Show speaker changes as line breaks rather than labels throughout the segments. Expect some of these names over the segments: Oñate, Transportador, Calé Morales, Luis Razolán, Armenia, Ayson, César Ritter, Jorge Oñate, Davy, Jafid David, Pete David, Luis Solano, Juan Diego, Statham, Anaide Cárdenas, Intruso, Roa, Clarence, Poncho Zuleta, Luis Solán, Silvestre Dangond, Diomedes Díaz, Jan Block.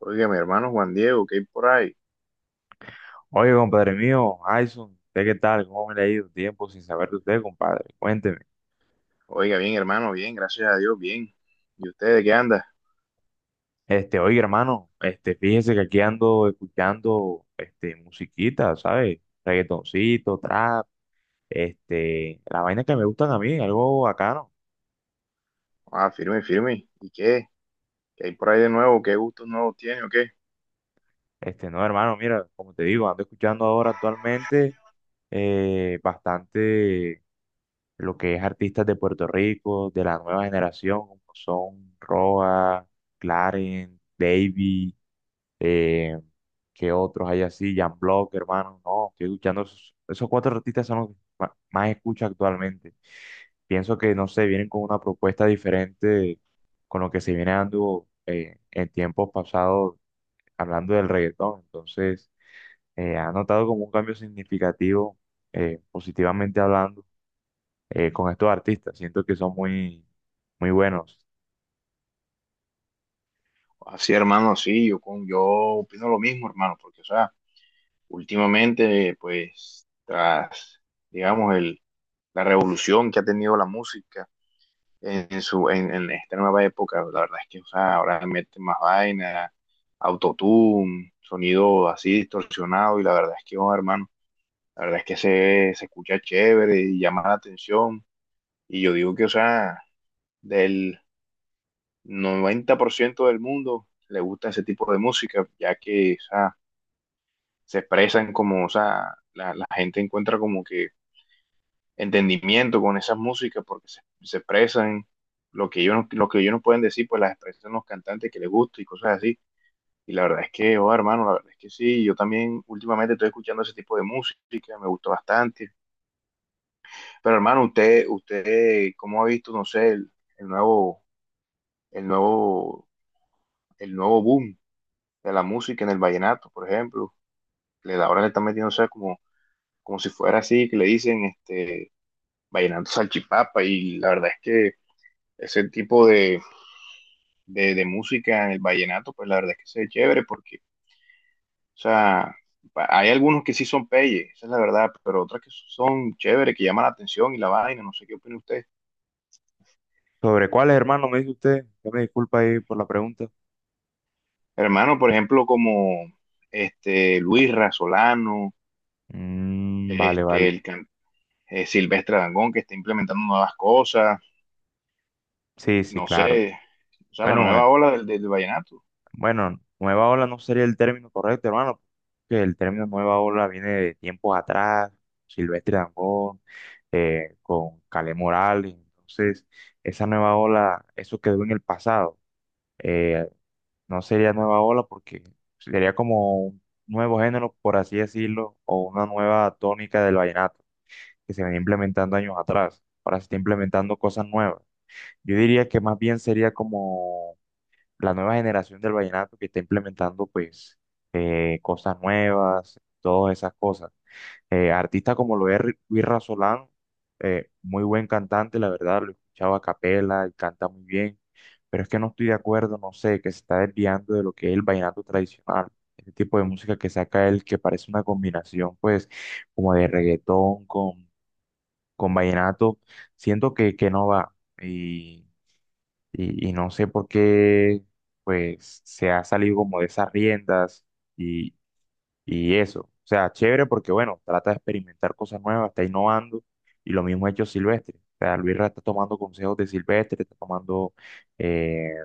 Oiga, mi hermano Juan Diego, ¿qué hay por ahí?
Oye, compadre mío, Ayson, ¿usted qué tal? ¿Cómo me le ha ido? Tiempo sin saber de usted, compadre. Cuénteme.
Oiga, bien, hermano, bien, gracias a Dios, bien. ¿Y usted de qué anda?
Oye, hermano, fíjese que aquí ando escuchando, musiquita, ¿sabes? Reggaetoncito, trap, la vaina que me gustan a mí, algo bacano.
Ah, firme, firme. ¿Y qué? ¿Qué hay por ahí de nuevo? ¿Qué gustos nuevos tiene o qué?
No, hermano, mira, como te digo, ando escuchando ahora actualmente bastante lo que es artistas de Puerto Rico, de la nueva generación, como son Roa, Clarence, Davy. Eh, ¿Qué otros hay así? Jan Block, hermano. No, estoy escuchando esos cuatro artistas son los que más escucho actualmente. Pienso que, no sé, vienen con una propuesta diferente con lo que se viene dando en tiempos pasados hablando del reggaetón. Entonces, ha notado como un cambio significativo, positivamente hablando, con estos artistas. Siento que son muy, muy buenos.
Así, hermano, sí, yo, yo opino lo mismo, hermano, porque, o sea, últimamente, pues, tras, digamos, el, la revolución que ha tenido la música en esta nueva época, la verdad es que, o sea, ahora meten más vaina, autotune, sonido así distorsionado, y la verdad es que, oh, hermano. La verdad es que se escucha chévere y llama la atención. Y yo digo que, o sea, del 90% del mundo le gusta ese tipo de música, ya que, o sea, se expresan como, o sea, la gente encuentra como que entendimiento con esas músicas porque se expresan lo que ellos, no- lo que ellos no pueden decir, pues las expresan los cantantes que les gusta y cosas así. Y la verdad es que, oh, hermano, la verdad es que sí, yo también últimamente estoy escuchando ese tipo de música, me gustó bastante. Pero hermano, usted, ¿cómo ha visto, no sé, el, el nuevo, el nuevo, el nuevo boom de la música en el vallenato, por ejemplo? Le, ahora le están metiendo, o sea, como, como si fuera así, que le dicen, este, vallenato salchipapa, y la verdad es que ese tipo de música en el vallenato, pues la verdad es que se ve chévere, porque, o sea, hay algunos que sí son peyes, esa es la verdad, pero otras que son chéveres, que llaman la atención y la vaina, no sé qué opina usted.
¿Sobre cuáles, hermano, me dice usted? Ya me disculpa ahí por la pregunta.
Hermano, por ejemplo, como este Luis Solano,
Mm, vale, vale.
este el can- Silvestre Dangond, que está implementando nuevas cosas,
Sí, sí,
no
claro.
sé, o sea, la
Bueno,
nueva ola del, del vallenato.
bueno, nueva ola no sería el término correcto, hermano, porque el término nueva ola viene de tiempos atrás, Silvestre Dangond, con Calé Morales, entonces esa nueva ola, eso quedó en el pasado. Eh, no sería nueva ola porque sería como un nuevo género, por así decirlo, o una nueva tónica del vallenato que se venía implementando años atrás, ahora se está implementando cosas nuevas. Yo diría que más bien sería como la nueva generación del vallenato que está implementando pues cosas nuevas, todas esas cosas. Artistas como lo es Luis Razolán, muy buen cantante, la verdad, lo he escuchado a capela y canta muy bien, pero es que no estoy de acuerdo, no sé, que se está desviando de lo que es el vallenato tradicional. Este tipo de música que saca él, que parece una combinación, pues, como de reggaetón con vallenato, siento que no va y no sé por qué, pues, se ha salido como de esas riendas y, y eso. O sea, chévere porque, bueno, trata de experimentar cosas nuevas, está innovando y lo mismo ha hecho Silvestre. O sea, Luis Ra está tomando consejos de Silvestre, está tomando eh,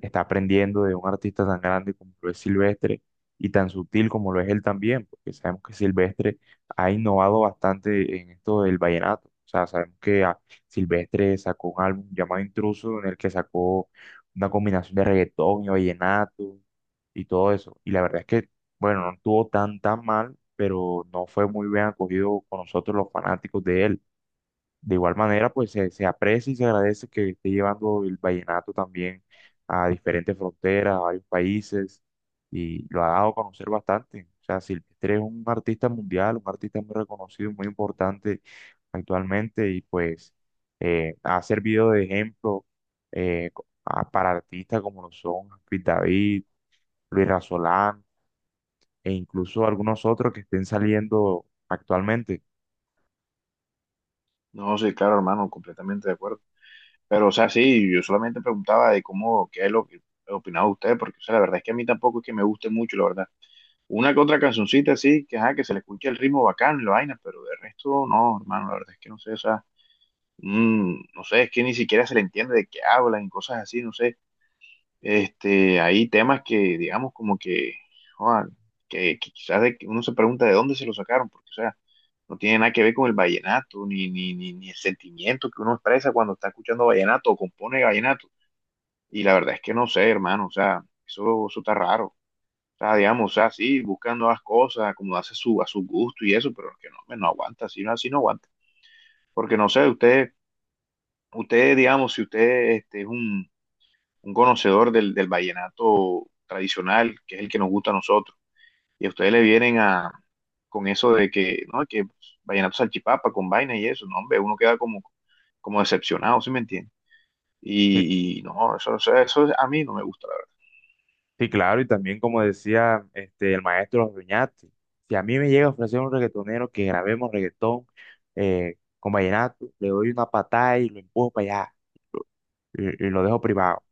está aprendiendo de un artista tan grande como lo es Silvestre y tan sutil como lo es él también, porque sabemos que Silvestre ha innovado bastante en esto del vallenato. O sea, sabemos que Silvestre sacó un álbum llamado Intruso en el que sacó una combinación de reggaetón y vallenato y todo eso. Y la verdad es que, bueno, no estuvo tan tan mal, pero no fue muy bien acogido con nosotros los fanáticos de él. De igual manera, pues se aprecia y se agradece que esté llevando el vallenato también a diferentes fronteras, a varios países, y lo ha dado a conocer bastante. O sea, Silvestre es un artista mundial, un artista muy reconocido, muy importante actualmente, y pues ha servido de ejemplo para artistas como lo son Pete David, Luis Solán, e incluso algunos otros que estén saliendo actualmente.
No, sí, claro, hermano, completamente de acuerdo. Pero, o sea, sí, yo solamente preguntaba de cómo, qué es lo que opinaba usted, porque, o sea, la verdad es que a mí tampoco es que me guste mucho, la verdad. Una que otra cancioncita, sí, que, ajá, que se le escuche el ritmo bacán, y la vaina, pero de resto, no, hermano, la verdad es que no sé, o sea, no sé, es que ni siquiera se le entiende de qué hablan y cosas así, no sé. Este, hay temas que, digamos, como que, joder, que quizás uno se pregunta de dónde se lo sacaron, porque, o sea, no tiene nada que ver con el vallenato, ni el sentimiento que uno expresa cuando está escuchando vallenato o compone vallenato. Y la verdad es que no sé, hermano, o sea, eso está raro. O sea, digamos, o sea, sí, buscando las cosas, acomodarse a a su gusto y eso, pero es que no, hombre, no aguanta, así no aguanta. Porque no sé, usted. Usted, digamos, si usted este, es un conocedor del, del vallenato tradicional, que es el que nos gusta a nosotros, y a ustedes le vienen a, con eso de que, no, que pues, vallenato salchipapa con vaina y eso, no, hombre, uno queda como, como decepcionado, ¿sí me entiende?
Sí.
Y no, eso a mí no me gusta, la verdad.
Sí, claro, y también como decía este, el maestro Oñate, si a mí me llega a ofrecer un reggaetonero que grabemos reggaetón con vallenato, le doy una patada y lo empujo para allá y lo dejo privado.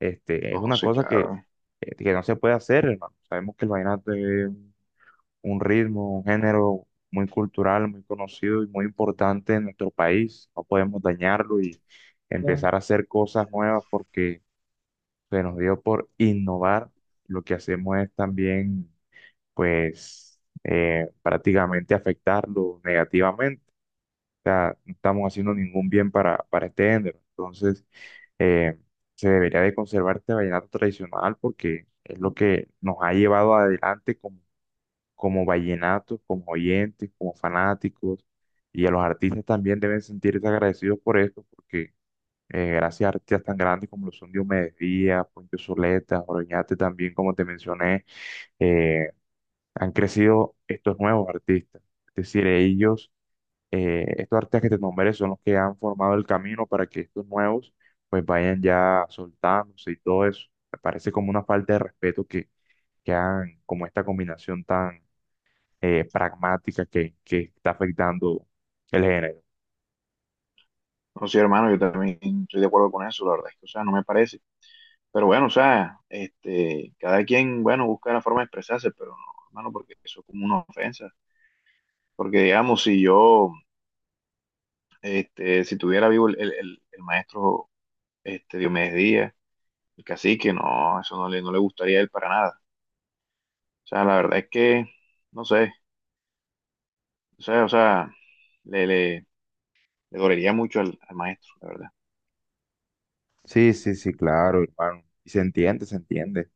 Este, es
No,
una
sí,
cosa
claro.
que no se puede hacer, hermano. Sabemos que el vallenato es un ritmo, un género muy cultural, muy conocido y muy importante en nuestro país. No podemos dañarlo y Claro. Empezar a hacer cosas nuevas porque se nos dio por innovar. Lo que hacemos es también pues prácticamente afectarlo negativamente. O sea, no estamos haciendo ningún bien para este género. Entonces, eh, se debería de conservar este vallenato tradicional porque es lo que nos ha llevado adelante como, como vallenatos, como oyentes, como fanáticos. Y a los artistas también deben sentirse agradecidos por esto porque gracias a artistas tan grandes como lo son Diomedes Díaz, Poncho Zuleta, Oroñate también, como te mencioné, eh, han crecido estos nuevos artistas. Es decir, ellos, estos artistas que te nombré son los que han formado el camino para que estos nuevos pues vayan ya soltándose y todo eso. Me parece como una falta de respeto que hagan como esta combinación tan pragmática que está afectando el género.
No, sí, hermano, yo también estoy de acuerdo con eso, la verdad es que, o sea, no me parece. Pero bueno, o sea, este, cada quien, bueno, busca la forma de expresarse, pero no, hermano, porque eso es como una ofensa. Porque digamos, si yo, este, si tuviera vivo el maestro este, Diomedes Díaz, el cacique, no, eso no no le gustaría a él para nada. O sea, la verdad es que, no sé, o sea, le, le, le dolería mucho al maestro, la verdad.
Sí, sí, sí, claro, hermano. Y se entiende, se entiende.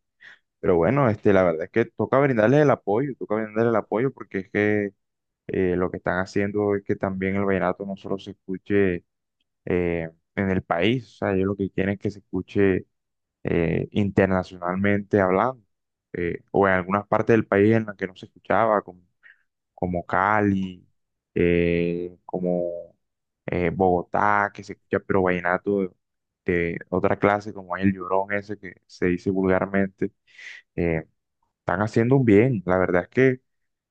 Pero bueno, este, la verdad es que toca brindarles el apoyo, toca brindarles el apoyo porque es que lo que están haciendo es que también el vallenato no solo se escuche en el país, o sea, ellos lo que quieren es que se escuche internacionalmente hablando, o en algunas partes del país en las que no se escuchaba, como, como Cali, como Bogotá, que se escucha, pero vallenato de otra clase, como hay el llorón ese que se dice vulgarmente, eh, están haciendo un bien, la verdad es que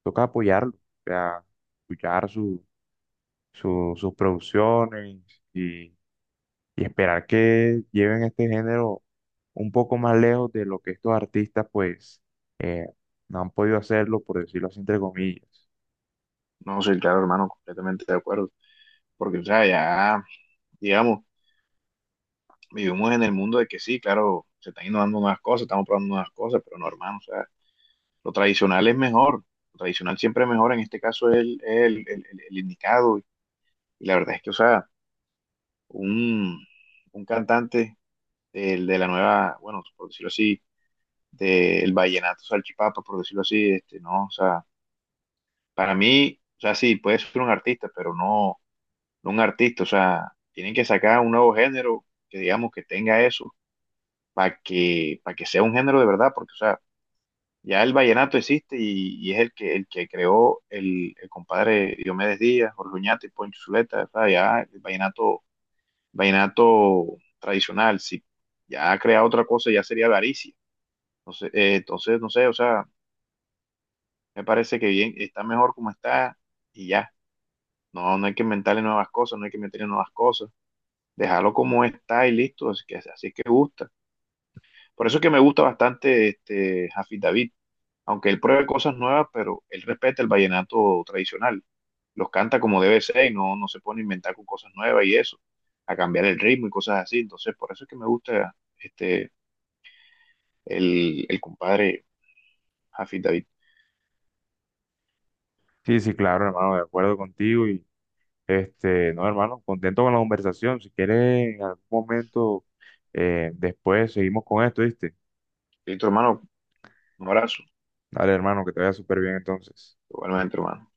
toca apoyarlo, o sea, escuchar sus producciones y, y esperar que lleven este género un poco más lejos de lo que estos artistas pues eh, no han podido hacerlo, por decirlo así entre comillas.
No soy claro, hermano, completamente de acuerdo. Porque, o sea, ya, digamos, vivimos en el mundo de que sí, claro, se están innovando nuevas cosas, estamos probando nuevas cosas, pero no, hermano, o sea, lo tradicional es mejor. Lo tradicional siempre es mejor, en este caso es el indicado. Y la verdad es que, o sea, un, un cantante de la nueva, bueno, por decirlo así, del vallenato salchipapa, por decirlo así, este, no, o sea, para mí, o sea, sí, puede ser un artista, pero no, no un artista, o sea, tienen que sacar un nuevo género que digamos que tenga eso, para que sea un género de verdad, porque, o sea, ya el vallenato existe y es el que creó el compadre Diomedes Díaz, Jorge Oñate y Poncho Zuleta, o sea, ya el vallenato tradicional. Si ya crea otra cosa, ya sería avaricia. Entonces, entonces, no sé, o sea, me parece que bien, está mejor como está y ya. No, no hay que inventarle nuevas cosas, no hay que meterle nuevas cosas. Dejarlo como está y listo, así que, así es que gusta. Por eso es que me gusta bastante este Jafid David, aunque él pruebe cosas nuevas, pero él respeta el vallenato tradicional. Los canta como debe ser y no, no se pone a inventar con cosas nuevas y eso, a cambiar el ritmo y cosas así. Entonces, por eso es que me gusta este el compadre Jafid David.
Sí, sí, claro, hermano, de acuerdo contigo y este, no, hermano, contento con la conversación. Si quieres en algún momento después seguimos con esto, ¿viste?
Y tu hermano, un abrazo,
Dale, hermano, que te vaya súper bien entonces.
igualmente, hermano.